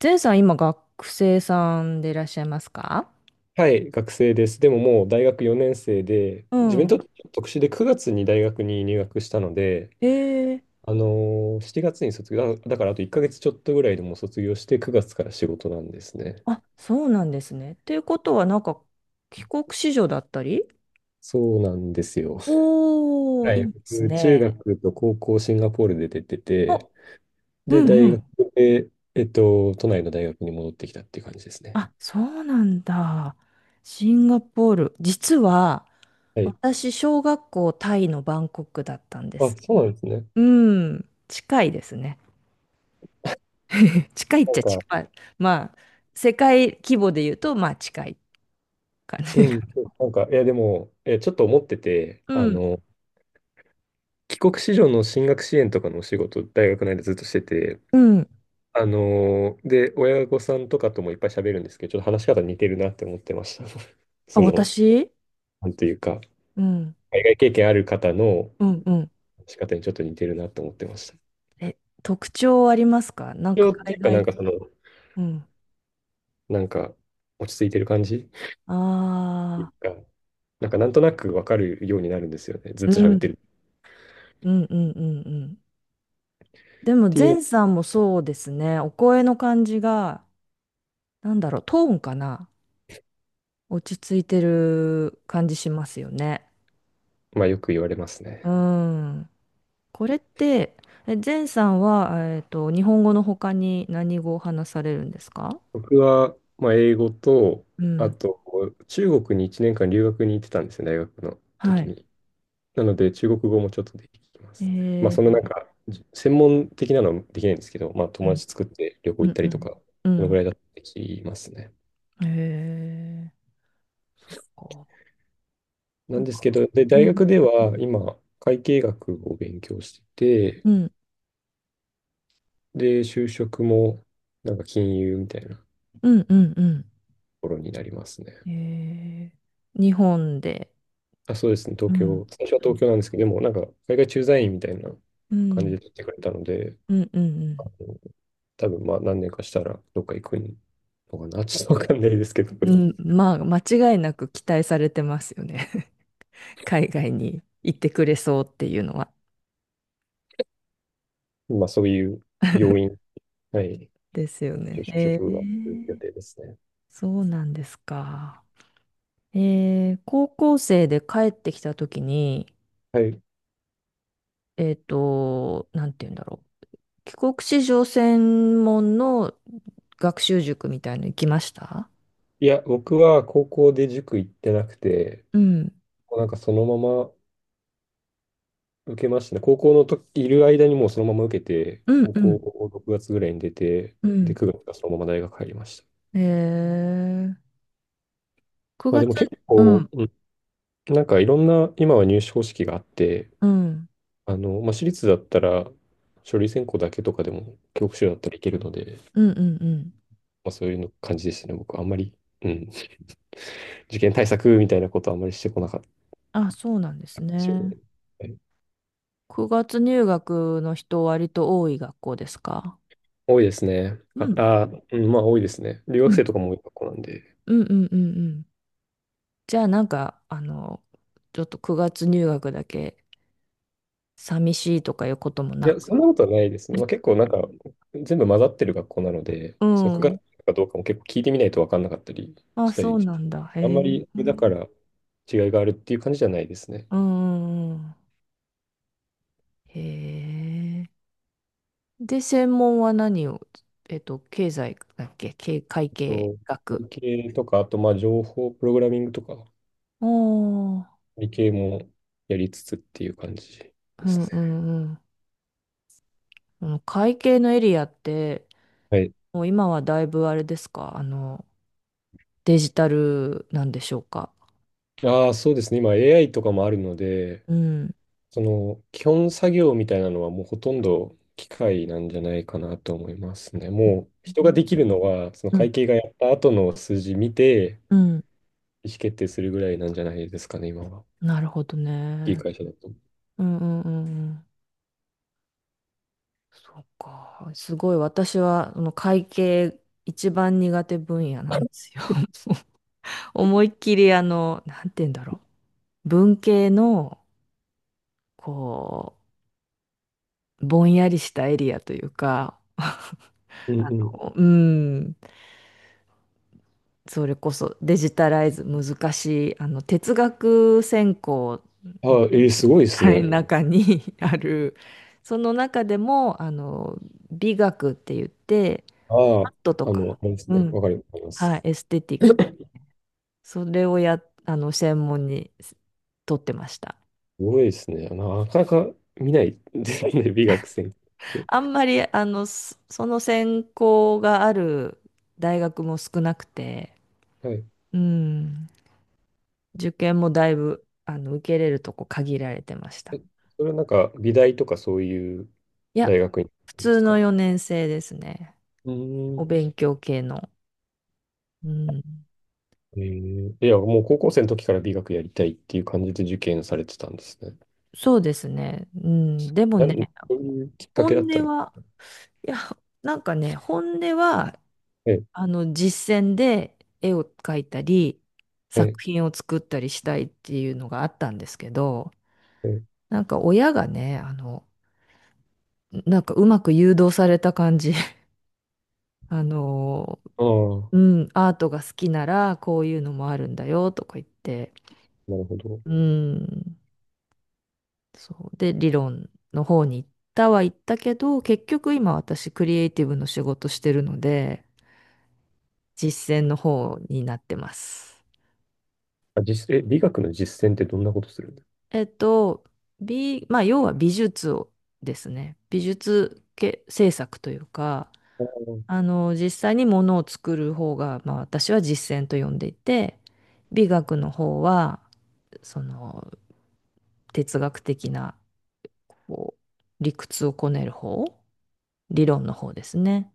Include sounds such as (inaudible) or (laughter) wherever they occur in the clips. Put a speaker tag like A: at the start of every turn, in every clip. A: ゼンさん、今学生さんでいらっしゃいますか？
B: はい、学生です。でももう大学4年生で、
A: う
B: 自分にと
A: ん。
B: ってちょっと特殊で9月に大学に入学したので、
A: ええ、
B: 7月に卒業、だからあと1ヶ月ちょっとぐらいでもう卒業して9月から仕事なんですね。
A: あ、そうなんですね。ということは、なんか、帰国子女だったり。
B: そうなんですよ。
A: おー、
B: は
A: い
B: い、
A: いです
B: 僕中
A: ね。
B: 学と高校シンガポールで出てて、
A: お、う
B: で、
A: んう
B: 大学
A: ん。
B: で、都内の大学に戻ってきたっていう感じですね。
A: あ、そうなんだ。シンガポール。実は、
B: はい。
A: 私、小学校タイのバンコクだったんで
B: あ、
A: す。
B: そうなんですね。
A: うん、近いですね。(laughs) 近いっ
B: な
A: ち
B: ん
A: ゃ
B: か、
A: 近い。まあ、世界規模で言うと、まあ、近い感じ。
B: うん、
A: (laughs)
B: なんか、いや、でも、え、ちょっと思ってて、
A: うん。
B: 帰国子女の進学支援とかのお仕事、大学内でずっとしてて、
A: うん、
B: で、親御さんとかともいっぱい喋るんですけど、ちょっと話し方似てるなって思ってました。(laughs)
A: あ、
B: その、
A: 私、
B: なんというか、
A: うん、
B: 海外経験ある方の
A: うん、うん。
B: 話し方にちょっと似てるなと思ってました。
A: え、特徴ありますか？なんか
B: 今日って
A: 海
B: いうか、なん
A: 外。
B: かその、
A: うん。
B: なんか、落ち着いてる感じっていう
A: ああ、
B: か、なんかなんとなくわかるようになるんですよね。ずっ
A: う
B: と喋ってる
A: ん、
B: っ
A: うん、うん、うん、うん。でも、
B: ていうの、
A: 前さんもそうですね。お声の感じが、なんだろう、トーンかな、落ち着いてる感じしますよね。
B: まあよく言われます
A: う
B: ね。
A: ん。これって、え、前さんは、日本語の他に何語を話されるんですか？
B: 僕は、まあ、英語と、
A: う
B: あ
A: ん。
B: と、中国に1年間留学に行ってたんですよ、大学の
A: は
B: 時
A: い。
B: に。なので、中国語もちょっとできますね。まあ、
A: え
B: そのな
A: ー、
B: んか、じ専門的なのはできないんですけど、まあ、
A: う
B: 友
A: ん、
B: 達作って旅行
A: う
B: 行っ
A: ん、
B: た
A: う
B: りと
A: ん。
B: か、
A: う
B: そのぐ
A: ん、
B: らいだとできますね。
A: へえ、そっか。
B: な
A: な
B: ん
A: ん
B: です
A: か、
B: けど、で、
A: う
B: 大
A: ん、
B: 学では今、会計学を勉強してて、
A: うん、
B: で、就職も、なんか金融みたいなと
A: うん、うん、う
B: ころになりますね。
A: ん。へえ、日本で、
B: あ、そうですね、東
A: うん、
B: 京。最初は東京なんですけど、でもなんか海外駐在員みたいな
A: う
B: 感じで
A: ん、
B: 取ってくれたので、
A: うん、うん、う
B: あ
A: ん。
B: の多分まあ何年かしたらどっか行くのかな、ちょっとわかんないですけど、
A: うん、まあ、間違いなく期待されてますよね。(laughs) 海外に行ってくれそうっていうのは。
B: (laughs) まあそういう要因、はい、
A: ですよ
B: 就
A: ね。へ
B: 職が来る
A: え、
B: 予定ですね。
A: そうなんですか。高校生で帰ってきたときに、
B: はい。
A: なんて言うんだろう。帰国子女専門の学習塾みたいの行きました？
B: いや、僕は高校で塾行ってなくて、
A: うん。
B: もうなんかそのまま受けましたね。高校のといる間にもうそのまま受けて、
A: うん
B: 高
A: う
B: 校
A: ん
B: を6月ぐらいに出て、
A: う
B: で、
A: ん。
B: 9月がそのまま大学入りました。
A: へえ、
B: まあ
A: 9
B: で
A: 月、
B: も結
A: う
B: 構、
A: ん、
B: なんかいろんな、今は入試方式があって、
A: うん、
B: まあ、私立だったら、書類選考だけとかでも、教科書だったらいけるので、
A: うんうんうん。
B: まあ、そういうの感じでしたね。僕、あんまり、うん、(laughs) 受験対策みたいなことはあんまりしてこなかっ
A: あ、そうなんで
B: た
A: す
B: かもしれな
A: ね。
B: い。はい、
A: 9月入学の人割と多い学校ですか？
B: 多いですね。
A: うん、
B: うん、まあ多いですね。留
A: う
B: 学生
A: ん、
B: とかも多い学校なんで。
A: うんうんうんうん。じゃあなんか、ちょっと9月入学だけ寂しいとかいうことも
B: い
A: な
B: や、そんな
A: く。
B: ことはないですね。まあ、結構なんか、全部混ざってる学校なので、
A: う
B: その9
A: ん。
B: 月かどうかも結構聞いてみないと分かんなかったり
A: あ、
B: した
A: そ
B: り、
A: うなんだ。へ
B: あん
A: え。
B: まり、
A: う
B: だか
A: ん
B: ら違いがあるっていう感じじゃないですね。
A: うんうん。へえ。で、専門は何を、経済だっけ、会計
B: と、会
A: 学。
B: 計とか、あと、まあ、情報プログラミングとか、
A: おー、
B: 理系もやりつつっていう感じで
A: う
B: す
A: んう
B: ね。
A: んうん。この会計のエリアって、
B: はい。
A: もう今はだいぶあれですか、デジタルなんでしょうか。
B: ああ、そうですね。今、AI とかもあるので、
A: うん。
B: その、基本作業みたいなのはもうほとんど機械なんじゃないかなと思いますね。
A: うん
B: もう、人ができるのは、その
A: うん
B: 会計がやった後の数字見て、
A: うん、
B: 意思決定するぐらいなんじゃないですかね、今は。
A: なるほど
B: いい
A: ね。
B: 会社だと。
A: うんうんうんうん。そうか。すごい私はあの会計一番苦手分野なんですよ。(laughs) 思いっきりなんて言うんだろう。文系の、こう、ぼんやりしたエリアというか、(laughs)
B: うんうん。
A: うん、それこそデジタライズ難しい、哲学専攻、の、
B: ああ、えーすごいです
A: はい、う
B: ね。
A: ん。中に (laughs) ある、その中でも、美学って言って、
B: あ
A: ア
B: あ、
A: ートと
B: あ
A: か
B: の、
A: の、
B: あれです
A: う
B: ね。わ
A: ん、
B: かります。
A: はい、エステティック、それをや、あの、専門に取ってました。
B: すごいですね。なかなか見ないですね、(laughs) 美学専攻っ
A: あ
B: て。
A: んまり、その専攻がある大学も少なくて、
B: はい。
A: うん。受験もだいぶ、受けれるとこ限られてまし
B: え、
A: た。
B: それはなんか、美大とかそういう
A: いや、
B: 大学に
A: 普
B: 行くんで
A: 通
B: すか？
A: の
B: う
A: 4年生ですね。
B: ー
A: お
B: ん。
A: 勉強系の。うん。
B: えー、いや、もう高校生の時から美学やりたいっていう感じで受験されてたんですね。
A: そうですね。うん。でも
B: な
A: ね、
B: ん、そういうきっかけだっ
A: 本
B: た
A: 音
B: の？
A: は、いや、なんかね、本音は、
B: ええ、
A: 実践で絵を描いたり、
B: え
A: 作
B: え、
A: 品を作ったりしたいっていうのがあったんですけど、
B: ええ。
A: なんか親がね、なんかうまく誘導された感じ、(laughs) あの、
B: ああ、
A: うん、アートが好きならこういうのもあるんだよとか言って、
B: なるほど。
A: うん、そう。で、理論の方に行ったは行ったけど、結局今私クリエイティブの仕事してるので、実践の方になってます。
B: あ、実、え、美学の実践ってどんなことするんですか？
A: えっと、まあ、要は美術をですね、美術系制作というか、
B: ああ、す
A: 実際にものを作る方が、まあ、私は実践と呼んでいて、美学の方は、その哲学的な、こう、理屈をこねる方、理論の方ですね。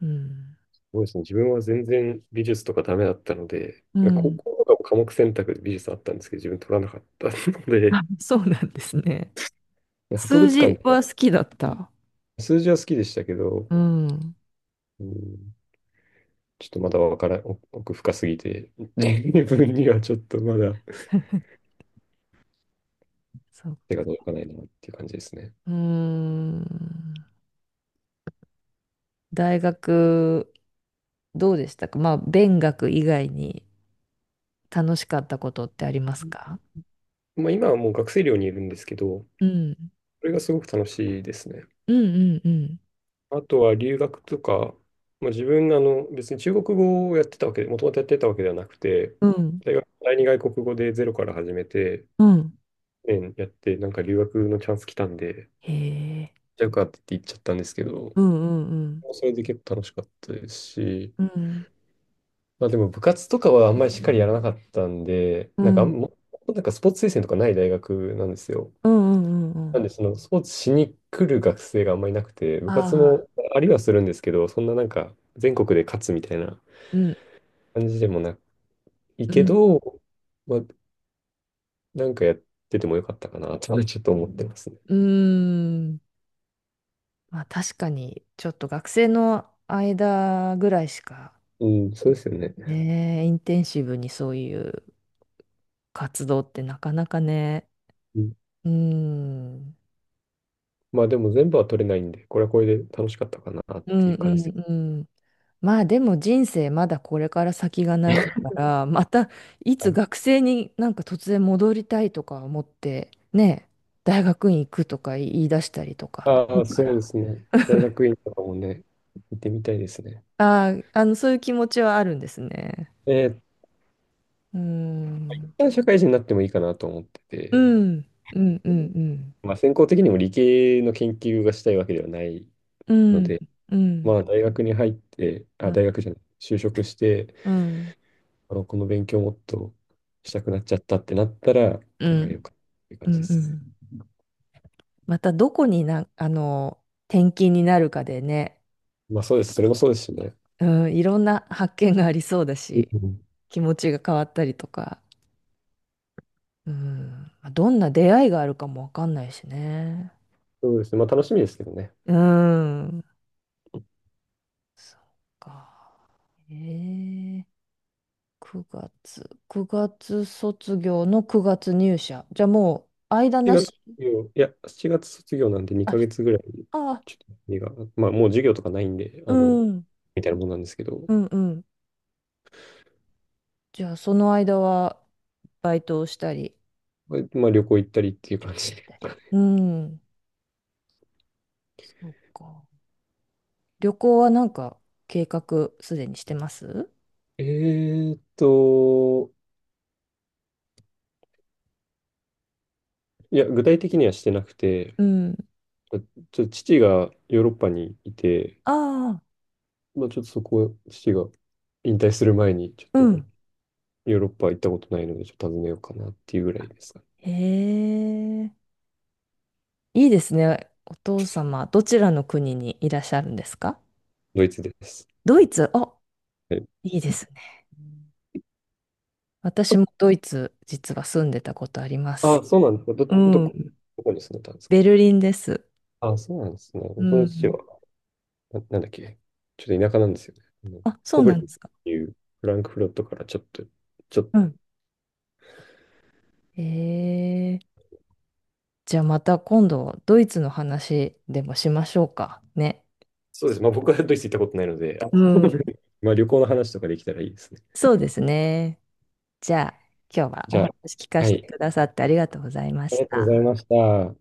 A: うん。
B: ごいですね。自分は全然美術とかダメだったので、
A: う
B: 高
A: ん。
B: 校とかも科目選択で美術あったんですけど、自分取らなかったの
A: (laughs) あ、
B: で、
A: そうなんですね。
B: で博
A: 数
B: 物館
A: 字
B: とか。
A: は好きだった。
B: 数字は好きでしたけど、
A: うん。
B: うん、ちょっとまだわからん、奥深すぎて、(laughs) 自分にはちょっとまだ
A: (laughs) そう。
B: 手が届かないなっていう感じですね。
A: うーん。大学、どうでしたか？まあ、勉学以外に楽しかったことってありますか？
B: まあ、今はもう学生寮にいるんですけど、
A: うん。
B: それがすごく楽しいですね。
A: うんうんうん。
B: あとは留学とか、まあ、自分あの別に中国語をやってたわけで、もともとやってたわけではなくて、
A: うん。
B: 大学第二外国語でゼロから始めて、
A: うん。
B: 年やって、なんか留学のチャンス来たんで、
A: へえ。
B: じゃあ受かってって言っちゃったんですけど、
A: うんうん
B: それで結構楽しかったですし、
A: うん。うん。
B: まあでも部活とかはあんまりしっかりやらなかったんで、
A: うん。
B: なんかスポーツ推薦とかない大学なんですよ。
A: うんうんうんう
B: な
A: ん。
B: んでそのスポーツしに来る学生があんまりいなくて、部
A: あ
B: 活
A: あ。
B: もありはするんですけど、そんななんか全国で勝つみたいな
A: うん
B: 感じでもない
A: う
B: け
A: ん、
B: ど、まあなんかやっててもよかったかなとはちょっと思ってますね。
A: うーん、まあ確かに、ちょっと学生の間ぐらいしか、
B: うん、そうですよね。
A: ね、インテンシブにそういう活動ってなかなかね、
B: うん、
A: うーん、
B: まあでも全部は取れないんで、これはこれで楽しかったかなっ
A: う
B: てい
A: ん
B: う感
A: う
B: じで。
A: んうん。まあでも人生まだこれから先が長い
B: (laughs)
A: から、またい
B: は
A: つ
B: い、
A: 学生になんか突然戻りたいとか思って、ね、大学院行くとか言い出したりとかあ
B: あ
A: る
B: あ、
A: か
B: そうで
A: ら。
B: すね。大学院とかもね、行ってみたいですね。
A: ああ、そういう気持ちはあるんですね。
B: えー、
A: うー
B: 一
A: ん。
B: 旦社会人になってもいいかなと思って
A: う
B: て、
A: ん。うん。うん。
B: まあ、専攻的にも理系の研究がしたいわけではない
A: う
B: の
A: ん。
B: で、
A: う
B: ま
A: ん。
B: あ、大学に入って、あ、
A: あ、
B: 大学じゃない、就職して、
A: うん。
B: この勉強もっとしたくなっちゃったってなったら
A: う
B: 考えよう
A: ん。
B: かっていう感
A: う
B: じで
A: ん。う
B: すね。
A: ん、またどこにな、あの、転勤になるかでね、
B: まあ、そうです。それもそうですしね。
A: うん、いろんな発見がありそうだ
B: う
A: し、
B: ん、
A: 気持ちが変わったりとか、うん。まあどんな出会いがあるかもわかんないしね。
B: そうですね。まあ、楽しみですけどね。
A: うん。そっか。えー、9月卒業の9月入社。じゃあもう間
B: 7
A: な
B: 月卒
A: し。
B: 7月卒業なんで
A: あ、
B: 2ヶ月ぐらい、
A: あ、
B: ちょっと休みが、まあ、もう授業とかないんで、
A: うん、
B: みたいなもんなんですけど、
A: うんうん。じゃあ、その間は、バイトをしたり、
B: まあ旅行行ったりっていう
A: 旅
B: 感
A: 行
B: じ
A: 行っ
B: で。
A: たり。うん、そうか。旅行はなんか、計画すでにしてます？
B: えーっと、いや、具体的にはしてなくて、
A: うん。
B: まあちょっと父がヨーロッパにいて、
A: ああ、
B: まあ、ちょっとそこ、父が引退する前に、ちょっ
A: う
B: と
A: ん。
B: ヨーロッパ行ったことないので、ちょっと訪ねようかなっていうぐらいですか。
A: へえ、いいですね。お父様、どちらの国にいらっしゃるんですか？
B: ドイツです。
A: ドイツ、あ、
B: はい、
A: いいですね。うん、私もドイツ、実は住んでたことありま
B: あ、
A: す。
B: そうなんですか。
A: うん。
B: どこに住んでたんですか？
A: ベルリンです。
B: あ、そうなんですね。
A: う
B: 僕の父は、
A: ん。
B: なんだっけ、ちょっと田舎なんですよね。あの
A: あ、そ
B: コ
A: う
B: ブレ
A: なん
B: ン
A: で
B: ツ
A: す
B: っ
A: か。
B: ていうフランクフルトからちょっと、ちょっ、
A: うん、えー、じゃあまた今度ドイツの話でもしましょうかね。
B: そうですね。まあ、僕はドイツ行ったことないので、あ
A: うん。
B: (laughs) まあ、旅行の話とかできたらいいですね。
A: そうですね。じゃあ今日は
B: じ
A: お
B: ゃ
A: 話
B: あ、
A: 聞か
B: は
A: せて
B: い。
A: くださってありがとうございま
B: あり
A: し
B: がとうござい
A: た。
B: ました。